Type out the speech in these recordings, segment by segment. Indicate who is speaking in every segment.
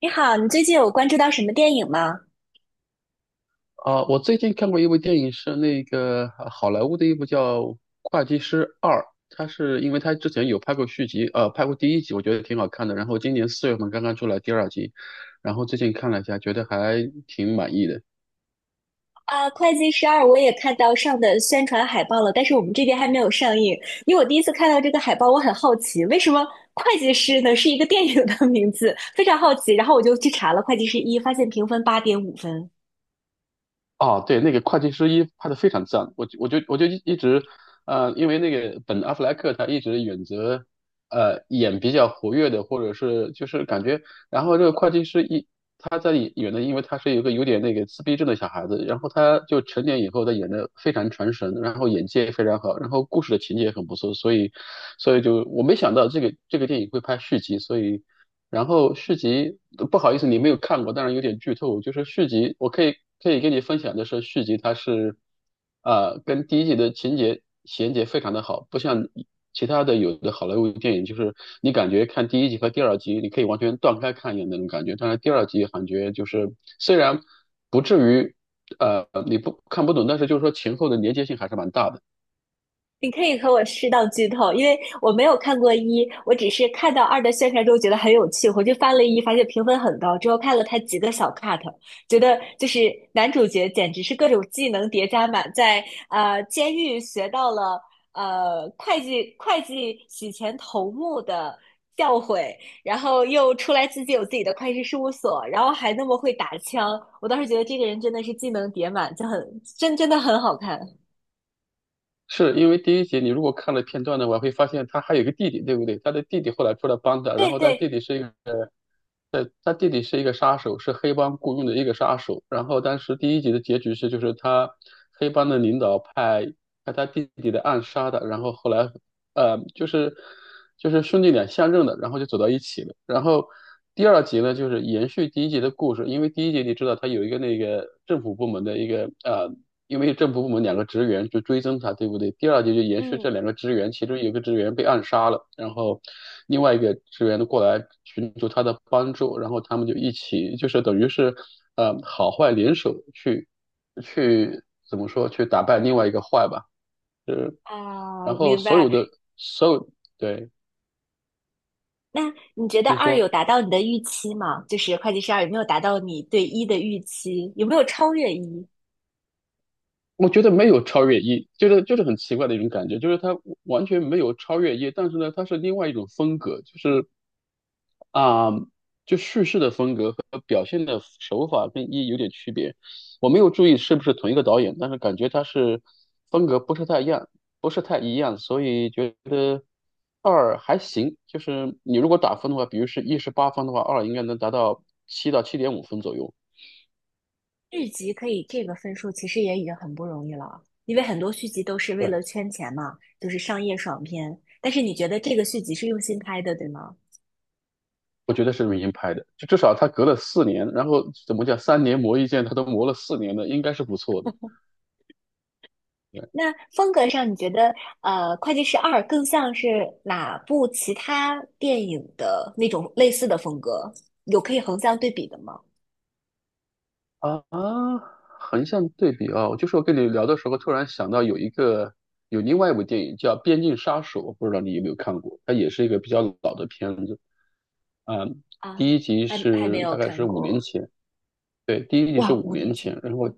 Speaker 1: 你好，你最近有关注到什么电影吗？
Speaker 2: 啊，我最近看过一部电影，是那个好莱坞的一部叫《会计师二》，它是因为它之前有拍过续集，拍过第一集，我觉得挺好看的。然后今年4月份刚刚出来第二集，然后最近看了一下，觉得还挺满意的。
Speaker 1: 啊，《会计十二》我也看到上的宣传海报了，但是我们这边还没有上映。因为我第一次看到这个海报，我很好奇，为什么《会计师》呢是一个电影的名字，非常好奇。然后我就去查了《会计师一》，发现评分8.5分。
Speaker 2: 哦，对，那个会计师一拍的非常赞，我就一直，因为那个本阿弗莱克他一直选择，演比较活跃的，或者是就是感觉，然后这个会计师一他在里演的，因为他是一个有点那个自闭症的小孩子，然后他就成年以后他演的非常传神，然后演技也非常好，然后故事的情节也很不错，所以就我没想到这个电影会拍续集，所以。然后续集，不好意思，你没有看过，当然有点剧透。就是续集，我可以跟你分享的是，续集它是，跟第一集的情节衔接非常的好，不像其他的有的好莱坞电影，就是你感觉看第一集和第二集，你可以完全断开看一样的那种感觉。但是第二集感觉就是虽然不至于，你不看不懂，但是就是说前后的连接性还是蛮大的。
Speaker 1: 你可以和我适当剧透，因为我没有看过一，我只是看到二的宣传之后觉得很有趣，回去翻了一，发现评分很高，之后看了他几个小 cut，觉得就是男主角简直是各种技能叠加满，在监狱学到了会计洗钱头目的教诲，然后又出来自己有自己的会计事务所，然后还那么会打枪，我当时觉得这个人真的是技能叠满，就很真的很好看，
Speaker 2: 是因为第一集你如果看了片段的话，我会发现他还有一个弟弟，对不对？他的弟弟后来出来帮他，然
Speaker 1: 对
Speaker 2: 后他弟
Speaker 1: 对，
Speaker 2: 弟是一个。对，他弟弟是一个杀手，是黑帮雇佣的一个杀手。然后当时第一集的结局是，就是他黑帮的领导派他弟弟的暗杀的。然后后来，呃，就是就是兄弟俩相认的，然后就走到一起了。然后第二集呢，就是延续第一集的故事，因为第一集你知道他有一个那个政府部门的一个因为政府部门两个职员就追踪他，对不对？第二节就延续这
Speaker 1: 嗯。
Speaker 2: 两个职员，其中有一个职员被暗杀了，然后另外一个职员过来寻求他的帮助，然后他们就一起，就是等于是，好坏联手去怎么说，去打败另外一个坏吧。是。然
Speaker 1: 啊，
Speaker 2: 后
Speaker 1: 明
Speaker 2: 所
Speaker 1: 白。
Speaker 2: 有的所有，对。
Speaker 1: 那你觉得
Speaker 2: 你
Speaker 1: 二有
Speaker 2: 说，
Speaker 1: 达到你的预期吗？就是会计师二有没有达到你对一的预期？有没有超越一？
Speaker 2: 我觉得没有超越一，就是很奇怪的一种感觉，就是他完全没有超越一，但是呢，他是另外一种风格，就是啊，就叙事的风格和表现的手法跟一有点区别。我没有注意是不是同一个导演，但是感觉他是风格不是太一样，不是太一样，所以觉得二还行。就是你如果打分的话，比如是一十八分的话，二应该能达到7到7.5分左右。
Speaker 1: 续集可以这个分数，其实也已经很不容易了，因为很多续集都是为
Speaker 2: 对，
Speaker 1: 了圈钱嘛，就是商业爽片。但是你觉得这个续集是用心拍的，对吗？
Speaker 2: 我觉得是明星拍的，就至少他隔了四年，然后怎么讲，三年磨一剑，他都磨了四年了，应该是不错的。
Speaker 1: 那风格上，你觉得《会计师二》更像是哪部其他电影的那种类似的风格？有可以横向对比的吗？
Speaker 2: 啊，横向对比啊，就是我跟你聊的时候，突然想到有另外一部电影叫《边境杀手》，不知道你有没有看过？它也是一个比较老的片子啊，
Speaker 1: 啊，
Speaker 2: 第一集
Speaker 1: 还没
Speaker 2: 是
Speaker 1: 有
Speaker 2: 大概
Speaker 1: 看
Speaker 2: 是五年
Speaker 1: 过。
Speaker 2: 前，对，第一集是
Speaker 1: 哇，
Speaker 2: 五
Speaker 1: 五
Speaker 2: 年
Speaker 1: 年前，
Speaker 2: 前，然后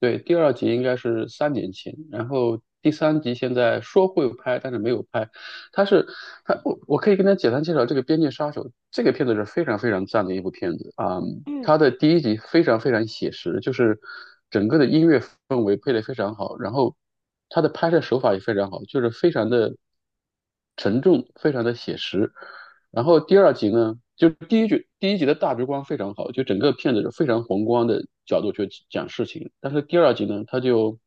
Speaker 2: 对，第二集应该是3年前，然后第三集现在说会拍，但是没有拍。他是他，我可以跟他简单介绍这个《边界杀手》。这个片子是非常非常赞的一部片子啊，
Speaker 1: 嗯
Speaker 2: 它的第一集非常非常写实，就是整个的音乐氛围配得非常好，然后它的拍摄手法也非常好，就是非常的沉重，非常的写实。然后第二集呢，就第一集的大局观非常好，就整个片子是非常宏观的角度去讲事情。但是第二集呢，他就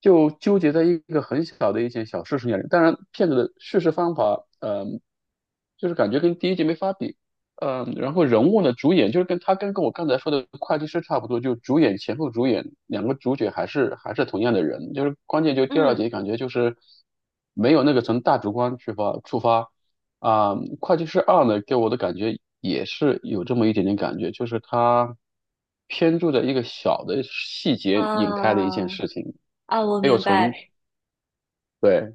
Speaker 2: 就纠结在一个很小的一件小事情上。当然，片子的叙事方法，就是感觉跟第一集没法比。然后人物呢，主演就是跟他跟跟我刚才说的会计师差不多，就主演前后主演两个主角还是同样的人，就是关键就第二
Speaker 1: 嗯
Speaker 2: 集感觉就是没有那个从大局观出发，啊，会计师二呢，给我的感觉也是有这么一点点感觉，就是它偏注的一个小的细
Speaker 1: 啊
Speaker 2: 节引开的一件事情，
Speaker 1: 啊，我
Speaker 2: 没有
Speaker 1: 明
Speaker 2: 从，
Speaker 1: 白，
Speaker 2: 对，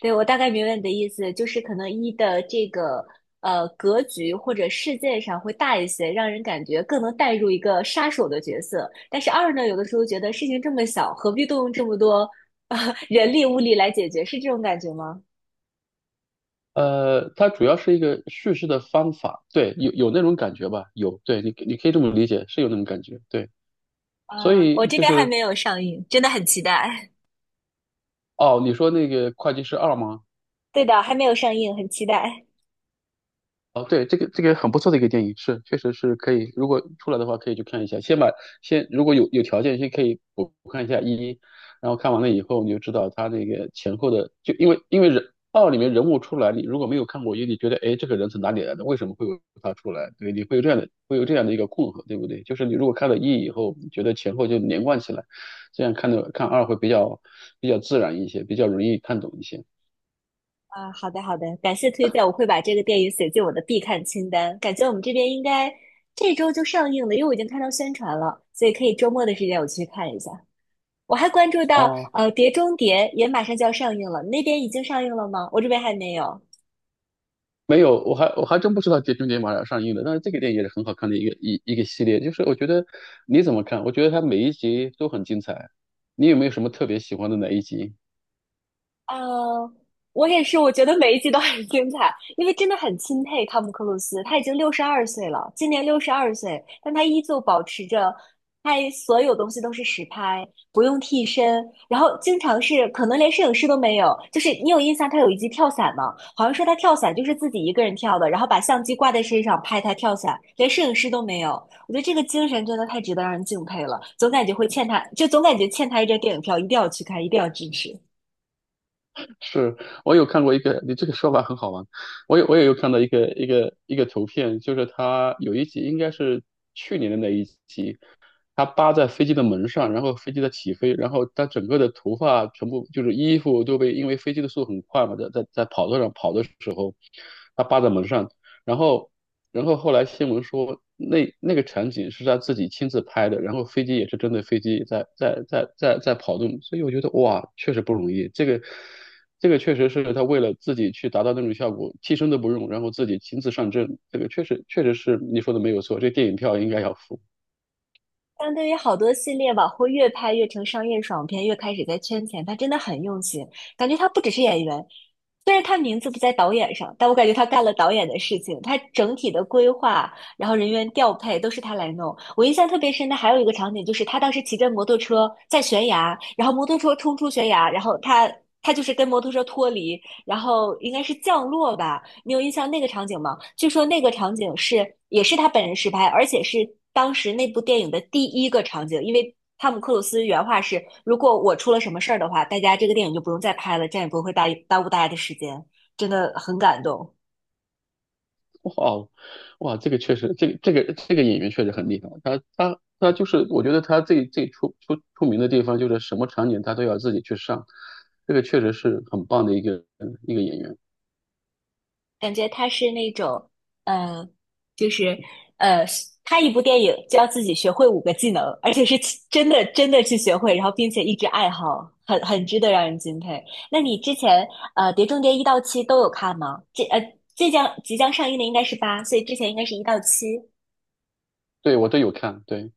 Speaker 1: 对，我大概明白你的意思，就是可能一的这个格局或者事件上会大一些，让人感觉更能带入一个杀手的角色。但是二呢，有的时候觉得事情这么小，何必动用这么多啊 人力物力来解决，是这种感觉吗？
Speaker 2: 它主要是一个叙事的方法，对，有那种感觉吧，有，对你可以这么理解，是有那种感觉，对，所
Speaker 1: 啊，我
Speaker 2: 以
Speaker 1: 这
Speaker 2: 就
Speaker 1: 边还
Speaker 2: 是，
Speaker 1: 没有上映，真的很期待。
Speaker 2: 哦，你说那个会计师二吗？
Speaker 1: 对的，还没有上映，很期待。
Speaker 2: 哦，对，这个这个很不错的一个电影，是确实是可以，如果出来的话可以去看一下。先如果有条件，先可以补看一下一，然后看完了以后你就知道他那个前后的，就因为人二里面人物出来，你如果没有看过一，你觉得哎这个人从哪里来的，为什么会有他出来？对，你会有这样的一个困惑，对不对？就是你如果看了一以后，你觉得前后就连贯起来，这样看的看二会比较自然一些，比较容易看懂一些。
Speaker 1: 啊，好的好的，感谢推荐，我会把这个电影写进我的必看清单。感觉我们这边应该这周就上映了，因为我已经看到宣传了，所以可以周末的时间我去看一下。我还关注到，
Speaker 2: 哦，
Speaker 1: 《碟中谍》也马上就要上映了，那边已经上映了吗？我这边还没有。
Speaker 2: 没有，我还真不知道《碟中谍》马上要上映了，但是这个电影也是很好看的一个系列。就是我觉得你怎么看？我觉得它每一集都很精彩。你有没有什么特别喜欢的哪一集？
Speaker 1: 呃，我也是，我觉得每一集都很精彩，因为真的很钦佩汤姆·克鲁斯，他已经六十二岁了，今年六十二岁，但他依旧保持着拍所有东西都是实拍，不用替身，然后经常是可能连摄影师都没有，就是你有印象他有一集跳伞吗？好像说他跳伞就是自己一个人跳的，然后把相机挂在身上拍他跳伞，连摄影师都没有，我觉得这个精神真的太值得让人敬佩了，总感觉会欠他，就总感觉欠他一张电影票，一定要去看，一定要支持。
Speaker 2: 是。我有看过一个，你这个说法很好玩。我也有看到一个图片，就是它有一集应该是去年的那一集，他扒在飞机的门上，然后飞机在起飞，然后他整个的头发全部就是衣服都被，因为飞机的速度很快嘛，在在在跑道上跑的时候，他扒在门上，然后后来新闻说那个场景是他自己亲自拍的，然后飞机也是真的飞机在跑动，所以我觉得哇，确实不容易，这个。这个确实是他为了自己去达到那种效果，替身都不用，然后自己亲自上阵，这个确实确实是你说的没有错，这电影票应该要付。
Speaker 1: 相对于好多系列往后越拍越成商业爽片，越开始在圈钱，他真的很用心。感觉他不只是演员，虽然他名字不在导演上，但我感觉他干了导演的事情。他整体的规划，然后人员调配都是他来弄。我印象特别深的还有一个场景，就是他当时骑着摩托车在悬崖，然后摩托车冲出悬崖，然后他就是跟摩托车脱离，然后应该是降落吧？你有印象那个场景吗？据说那个场景是也是他本人实拍，而且是当时那部电影的第一个场景，因为汤姆克鲁斯原话是：如果我出了什么事儿的话，大家这个电影就不用再拍了，这样也不会耽误大家的时间。真的很感动。
Speaker 2: 哇哦，哇，这个确实，这个演员确实很厉害。他就是，我觉得他最出名的地方就是什么场景他都要自己去上，这个确实是很棒的一个演员。
Speaker 1: 感觉他是那种，呃，就是呃，拍一部电影就要自己学会五个技能，而且是去真的真的去学会，然后并且一直爱好，很值得让人敬佩。那你之前《碟中谍》一到七都有看吗？这即将上映的应该是八，所以之前应该是一到七。
Speaker 2: 对，我都有看，对。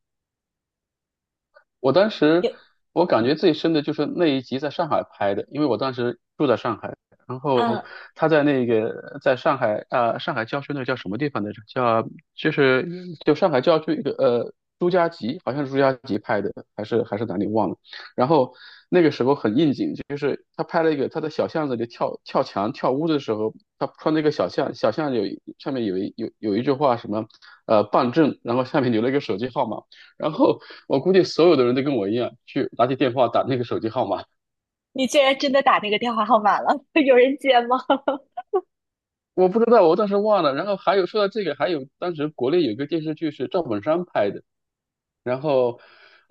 Speaker 2: 我当时
Speaker 1: 有，
Speaker 2: 我感觉最深的就是那一集在上海拍的，因为我当时住在上海，然后
Speaker 1: 嗯，
Speaker 2: 他在那个在上海啊，上海郊区那叫什么地方来着？叫就是上海郊区一个朱家集，好像是朱家集拍的，还是还是哪里忘了。然后那个时候很应景，就是他拍了一个他在小巷子里跳跳墙跳屋的时候，他穿那个小巷，小巷上面有一句话什么办证，然后下面留了一个手机号码。然后我估计所有的人都跟我一样，去拿起电话打那个手机号码。
Speaker 1: 你居然真的打那个电话号码了，有人接吗？
Speaker 2: 我不知道，我当时忘了。然后还有说到这个，还有当时国内有一个电视剧是赵本山拍的，然后，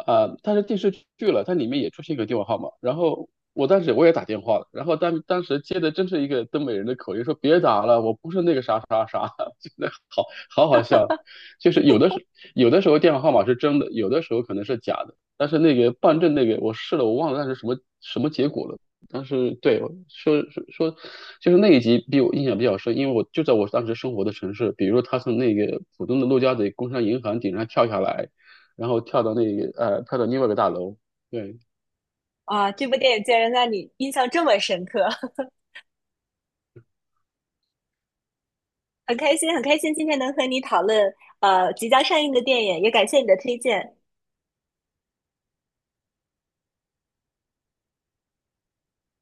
Speaker 2: 它是电视剧了，它里面也出现一个电话号码。然后我当时我也打电话了，然后当时接的真是一个东北人的口音，说别打了，我不是那个啥啥啥，真的好好好笑。就是有的时候电话号码是真的，有的时候可能是假的。但是那个办证那个我试了，我忘了那是什么什么结果了。但是对我说，就是那一集比我印象比较深，因为我就在我当时生活的城市，比如说他从那个浦东的陆家嘴工商银行顶上跳下来，然后跳到另外一个大楼，对，
Speaker 1: 啊，这部电影竟然让你印象这么深刻。很开心，很开心今天能和你讨论即将上映的电影，也感谢你的推荐。